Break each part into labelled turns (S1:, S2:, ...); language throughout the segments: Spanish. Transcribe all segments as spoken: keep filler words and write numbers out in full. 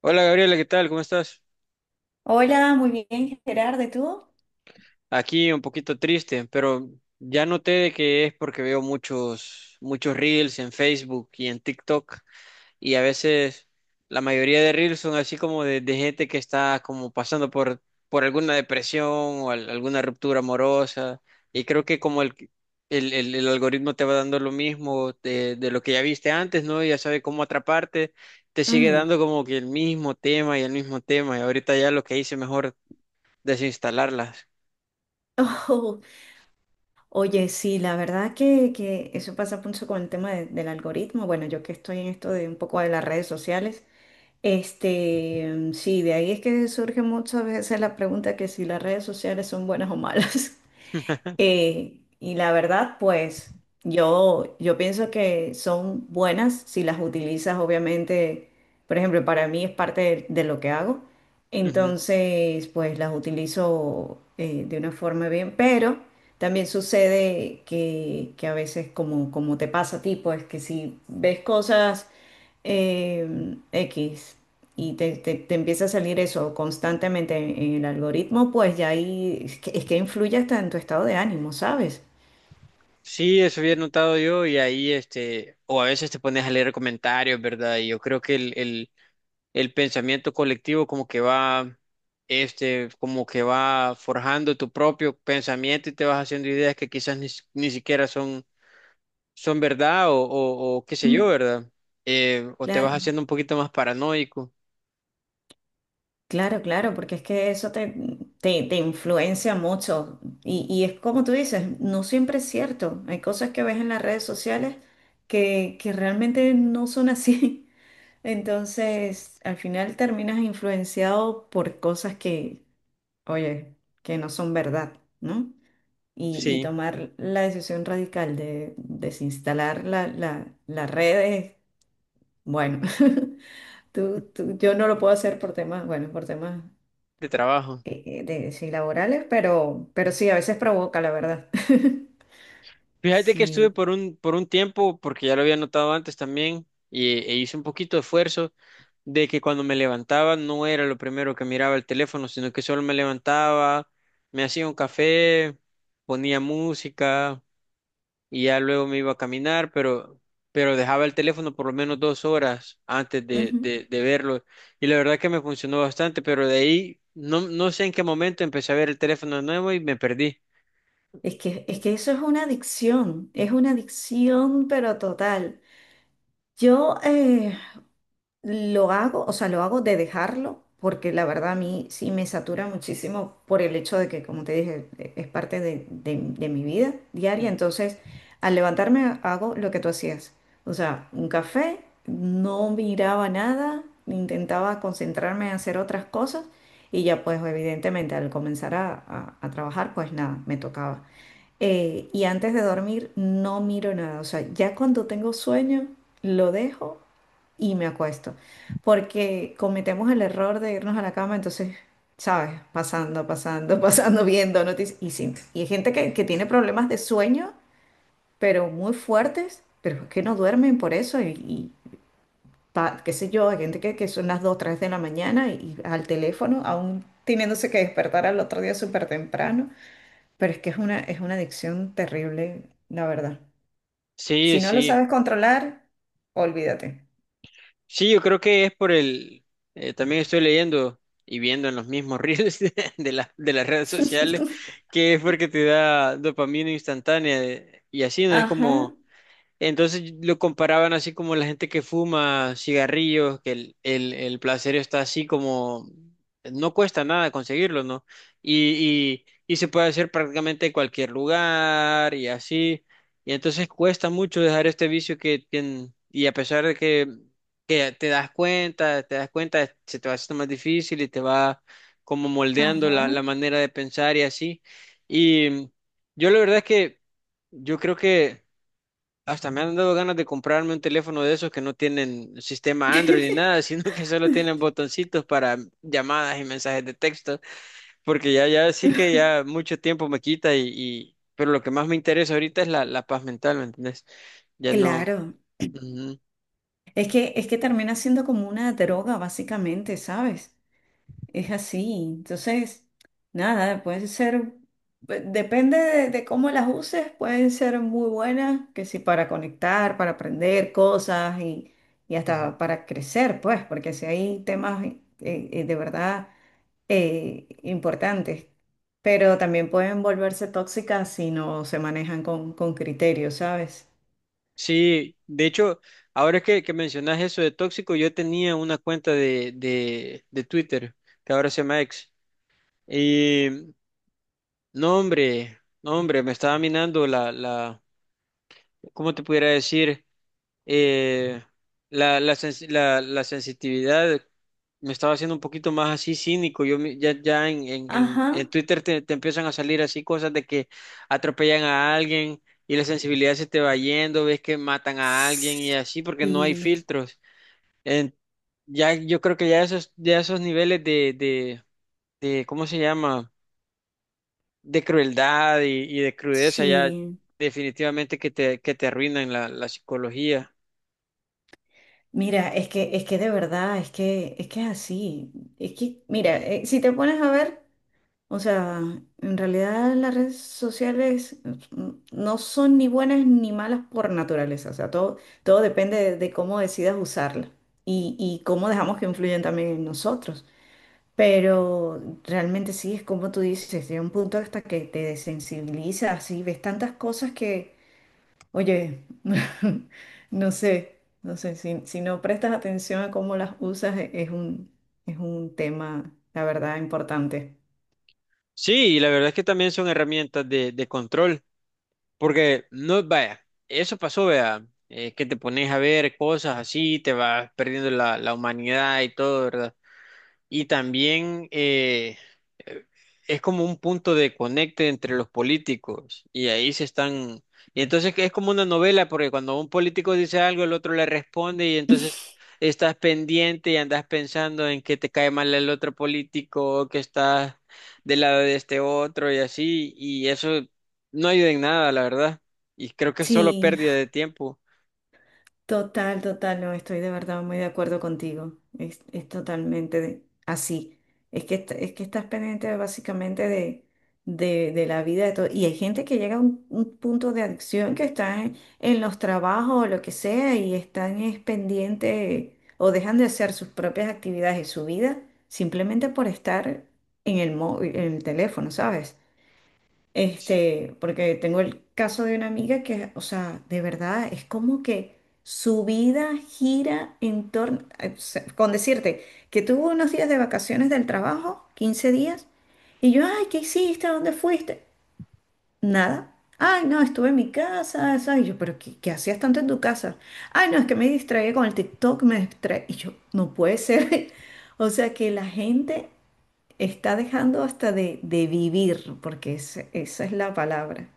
S1: Hola Gabriela, ¿qué tal? ¿Cómo estás?
S2: Hola, muy bien, Gerardo, ¿y tú?
S1: Aquí un poquito triste, pero ya noté de que es porque veo muchos, muchos reels en Facebook y en TikTok y a veces la mayoría de reels son así como de, de gente que está como pasando por, por alguna depresión o al- alguna ruptura amorosa y creo que como el, el, el- el algoritmo te va dando lo mismo de, de lo que ya viste antes, ¿no? Y ya sabe cómo atraparte, te sigue
S2: Mm.
S1: dando como que el mismo tema y el mismo tema y ahorita ya lo que hice mejor desinstalarlas.
S2: Oh, oye, sí, la verdad que, que eso pasa mucho con el tema de- del algoritmo. Bueno, yo que estoy en esto de un poco de las redes sociales, este, mm, sí, de ahí es que surge muchas veces la pregunta que si las redes sociales son buenas o malas. Eh, y la verdad, pues yo, yo pienso que son buenas si las utilizas, obviamente, por ejemplo, para mí es parte de, de lo que hago,
S1: Ujú.
S2: entonces, pues las utilizo eh, de una forma bien, pero también sucede que, que a veces, como, como te pasa a ti, pues que si ves cosas eh, X y te, te- te empieza a salir eso constantemente en, en el algoritmo, pues ya ahí es que, es que influye hasta en tu estado de ánimo, ¿sabes?
S1: Sí, eso había notado yo y ahí, este, o a veces te pones a leer comentarios, ¿verdad? Y yo creo que el, el, el pensamiento colectivo como que va, este, como que va forjando tu propio pensamiento y te vas haciendo ideas que quizás ni, si- ni siquiera son, son verdad o, o, o qué sé yo,
S2: Mm,
S1: ¿verdad? Eh, o te vas
S2: cla-
S1: haciendo un poquito más paranoico,
S2: Claro, claro, porque es que eso te, te, te influencia mucho. Y, y es como tú dices, no siempre es cierto. Hay cosas que ves en las redes sociales que, que realmente no son así. Entonces, al final terminas influenciado por cosas que, oye, que no son verdad, ¿no? y, y
S1: sí,
S2: tomar la decisión radical de desinstalar la, la, la red es, bueno, tú, tú- yo no lo puedo hacer por temas, bueno, por temas
S1: de trabajo.
S2: eh, eh, de, sí, laborales, pero, pero sí, a veces provoca, la verdad.
S1: Fíjate que estuve
S2: Sí.
S1: por un, por un tiempo, porque ya lo había notado antes también, y, e hice un poquito de esfuerzo de que cuando me levantaba no era lo primero que miraba el teléfono, sino que solo me levantaba, me hacía un café, ponía música y ya luego me iba a caminar, pero, pero dejaba el teléfono por lo menos dos horas antes de,
S2: Ujú.
S1: de, de verlo. Y la verdad que me funcionó bastante, pero de ahí no, no sé en qué momento empecé a ver el teléfono de nuevo y me perdí.
S2: Es que, es que eso es una adicción, es una adicción, pero total. Yo, eh, Lo hago, o sea, lo hago de dejarlo, porque la verdad a mí sí me satura muchísimo por el hecho de que, como te dije, e- es parte de, de- de mi vida diaria. Entonces, al levantarme hago lo que tú hacías. O sea, un café, no miraba nada, intentaba concentrarme en hacer otras cosas y ya pues evidentemente al comenzar a, a a trabajar, pues nada, me tocaba. Eh, y antes de dormir no miro nada. O sea, ya cuando tengo sueño, lo dejo y me acuesto. Porque cometemos el error de irnos a la cama, entonces, ¿sabes? Pasando, pasando, pasando, viendo noticias. Y, sí, y hay gente que, que tiene problemas de sueño, pero muy fuertes, pero es que no duermen por eso. Y, y pa- qué sé yo, hay gente que, que son las dos tres de la mañana y, y al teléfono, aún teniéndose que despertar al otro día súper temprano. Pero es que es una, es una adicción terrible, la verdad.
S1: Sí,
S2: Si no lo
S1: sí.
S2: sabes controlar, olvídate.
S1: Sí, yo creo que es por el... Eh, también estoy leyendo y viendo en los mismos reels de, de la- de las redes sociales que es porque te da dopamina instantánea eh, y así, ¿no? Es como...
S2: Ajá,
S1: Entonces lo comparaban así como la gente que fuma cigarrillos, que el, el, el placer está así como no cuesta nada conseguirlo, ¿no? Y, y, y se puede hacer prácticamente en cualquier lugar y así. Y entonces cuesta mucho dejar este vicio que tienen. Y a pesar de que, que te das cuenta, te das cuenta, se te va haciendo más difícil y te va como moldeando la,
S2: ajá.
S1: la manera de pensar y así. Y yo la verdad es que yo creo que hasta me han dado ganas de comprarme un teléfono de esos que no tienen sistema Android ni nada, sino que solo tienen botoncitos para llamadas y mensajes de texto, porque ya, ya sí que ya mucho tiempo me quita y, y- pero lo que más me interesa ahorita es la, la paz mental, ¿me entendés? Ya no.
S2: Claro,
S1: Ujú,
S2: es que, es que termina siendo como una droga, básicamente, ¿sabes? Es así. Entonces, nada, pueden ser, eh, depende de, de cómo las uses, pueden ser muy buenas, que si para conectar, para aprender cosas y, y
S1: ujú.
S2: hasta para crecer, pues, porque si hay temas eh, eh, de verdad eh, importantes, pero también pueden volverse tóxicas si no se manejan con, con criterio, ¿sabes?
S1: Sí, de hecho, ahora que, que mencionas eso de tóxico, yo tenía una cuenta de, de, de Twitter, que ahora se llama X, y no, hombre, no, hombre, me estaba minando la, la, ¿cómo te pudiera decir? Eh, la, la, sens- la- la sensitividad me estaba haciendo un poquito más así cínico. Yo me- ya, ya en, en, en, en
S2: Ajá.
S1: Twitter te, te empiezan a salir así cosas de que atropellan a alguien y la sensibilidad se te va yendo, ves que matan a alguien y así porque no hay
S2: Sí,
S1: filtros. En- ya, yo creo que ya esos, ya esos niveles de, de, de, ¿cómo se llama? De crueldad y, y de crudeza ya
S2: sí.
S1: definitivamente que te, que te arruinan la la psicología.
S2: Mira, es que, es que de verdad, es que, es que es así. Es que, mira, eh, si te pones a ver, o sea, en realidad las redes sociales mm, no son ni buenas ni malas por naturaleza. O sea, todo, todo depende de, de cómo decidas usarla y, y cómo dejamos que influyan también en nosotros. Pero realmente sí, es como tú dices, llega un punto hasta que te desensibilizas y ves tantas cosas que Oye, no sé, no sé, si, si no prestas atención a cómo las usas, e- es un, es un tema, la verdad, importante.
S1: Sí, y la verdad es que también son herramientas de, de control, porque no, vaya, eso pasó, vea, eh, que te pones a ver cosas así, te vas perdiendo la, la humanidad y todo, ¿verdad? Y también eh, eh, es como un punto de conecte entre los políticos y ahí se están... Y entonces es como una novela porque cuando un político dice algo el otro le responde y entonces estás pendiente y andas pensando en que te cae mal el otro político o que estás del lado de este otro y así y eso no ayuda en nada, la verdad. Y creo que es solo
S2: Sí,
S1: pérdida de tiempo.
S2: Total, total, no, estoy de verdad muy de acuerdo contigo. Es, es totalmente de- así. Es que, est- es que estás pendiente básicamente de, de, de la vida de todo. Y hay gente que llega a un, un punto de adicción que está en, en los trabajos o lo que sea y están es pendiente o dejan de hacer sus propias actividades y su vida simplemente por estar en el, mó- en el teléfono, ¿sabes? Este, porque tengo el caso de una amiga que, o sea, de verdad es como que su vida gira en torno, eh, se- con decirte que tuvo unos días de vacaciones del trabajo, quince días, y yo, ay, ¿qué hiciste? ¿A ¿Dónde fuiste? Nada. Ay, no, estuve en mi casa, eso. Y yo, pero ¿qué, qué hacías tanto en tu casa? Ay, no, es que me distraía con el TikTok, me distraía. Y yo, no puede ser. O sea, que la gente Está dejando hasta de, de vivir, porque es- esa es la palabra,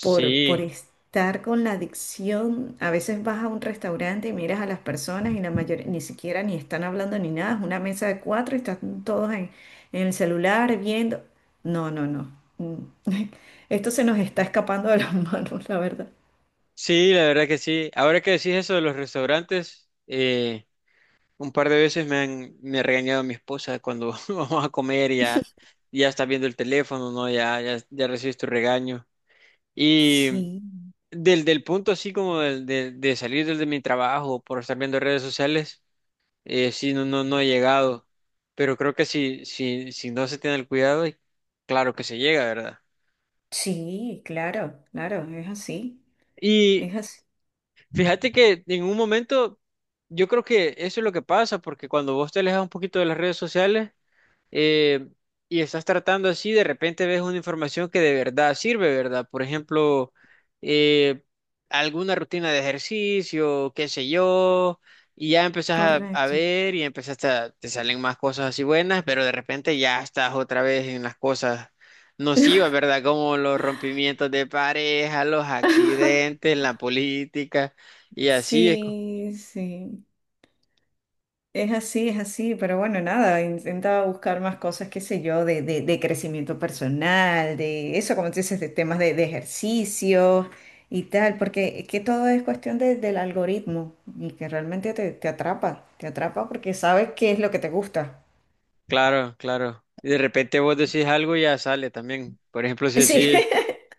S2: por, por estar con la adicción. A veces vas a un restaurante y miras a las personas y la mayoría ni siquiera ni están hablando ni nada, es una mesa de cuatro y están todos en, en el celular viendo. No, no, no. Mm. Esto se nos está escapando de las manos, la verdad.
S1: sí, la verdad que sí. Ahora que decís eso de los restaurantes, eh, un par de veces me han me ha regañado mi esposa cuando vamos a comer y ya, ya está viendo el teléfono, ¿no? Ya, ya, ya recibes tu regaño. Y
S2: Sí,
S1: del, del punto así como del- de, de salir del- de mi trabajo por estar viendo redes sociales, eh, sí, no, no, no he llegado. Pero creo que si, si, si no se tiene el cuidado, claro que se llega, ¿verdad?
S2: sí, claro, claro, es así,
S1: Y
S2: es así,
S1: fíjate que en un momento, yo creo que eso es lo que pasa, porque cuando vos te alejas un poquito de las redes sociales, eh, y estás tratando así, de repente ves una información que de verdad sirve, ¿verdad? Por ejemplo, eh, alguna rutina de ejercicio, qué sé yo, y ya empezás a, a
S2: correcto.
S1: ver y empezás a, te salen más cosas así buenas, pero de repente ya estás otra vez en las cosas nocivas, ¿verdad? Como los rompimientos de pareja, los accidentes, la política, y así es. co-
S2: Sí, sí. Es así, es así, pero bueno, nada, intenta buscar más cosas, qué sé yo, de, de- de crecimiento personal, de eso, como tú dices, de temas de, de ejercicio y tal, porque es que todo es cuestión de- del algoritmo y que realmente te, te atrapa, te atrapa porque sabes qué es lo que te gusta.
S1: Claro, claro. Y de repente vos decís algo y ya sale también. Por ejemplo, si
S2: Sí,
S1: decís...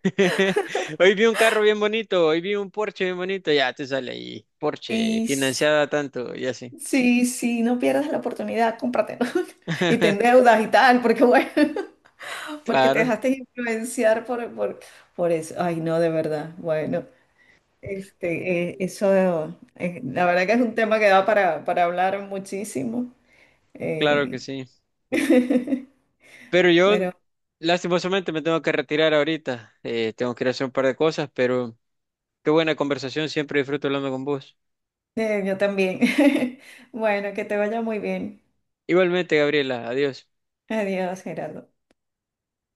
S1: Hoy vi un carro bien bonito, hoy vi un Porsche bien bonito, ya te sale ahí, Porsche,
S2: y s-
S1: financiada tanto y así.
S2: sí, sí, no pierdas la oportunidad, cómpratelo y te endeudas y tal, porque bueno, porque te
S1: Claro,
S2: dejaste influenciar por, por, por eso. Ay, no, de verdad, bueno. Este, eh, eso, eh, la verdad que es un tema que da para, para hablar muchísimo.
S1: claro que
S2: eh,
S1: sí. Pero yo,
S2: pero
S1: lastimosamente, me tengo que retirar ahorita. Eh, tengo que ir a hacer un par de cosas, pero qué buena conversación, siempre disfruto hablando con vos.
S2: eh, yo también. Bueno, que te vaya muy bien.
S1: Igualmente, Gabriela, adiós.
S2: Adiós, Gerardo.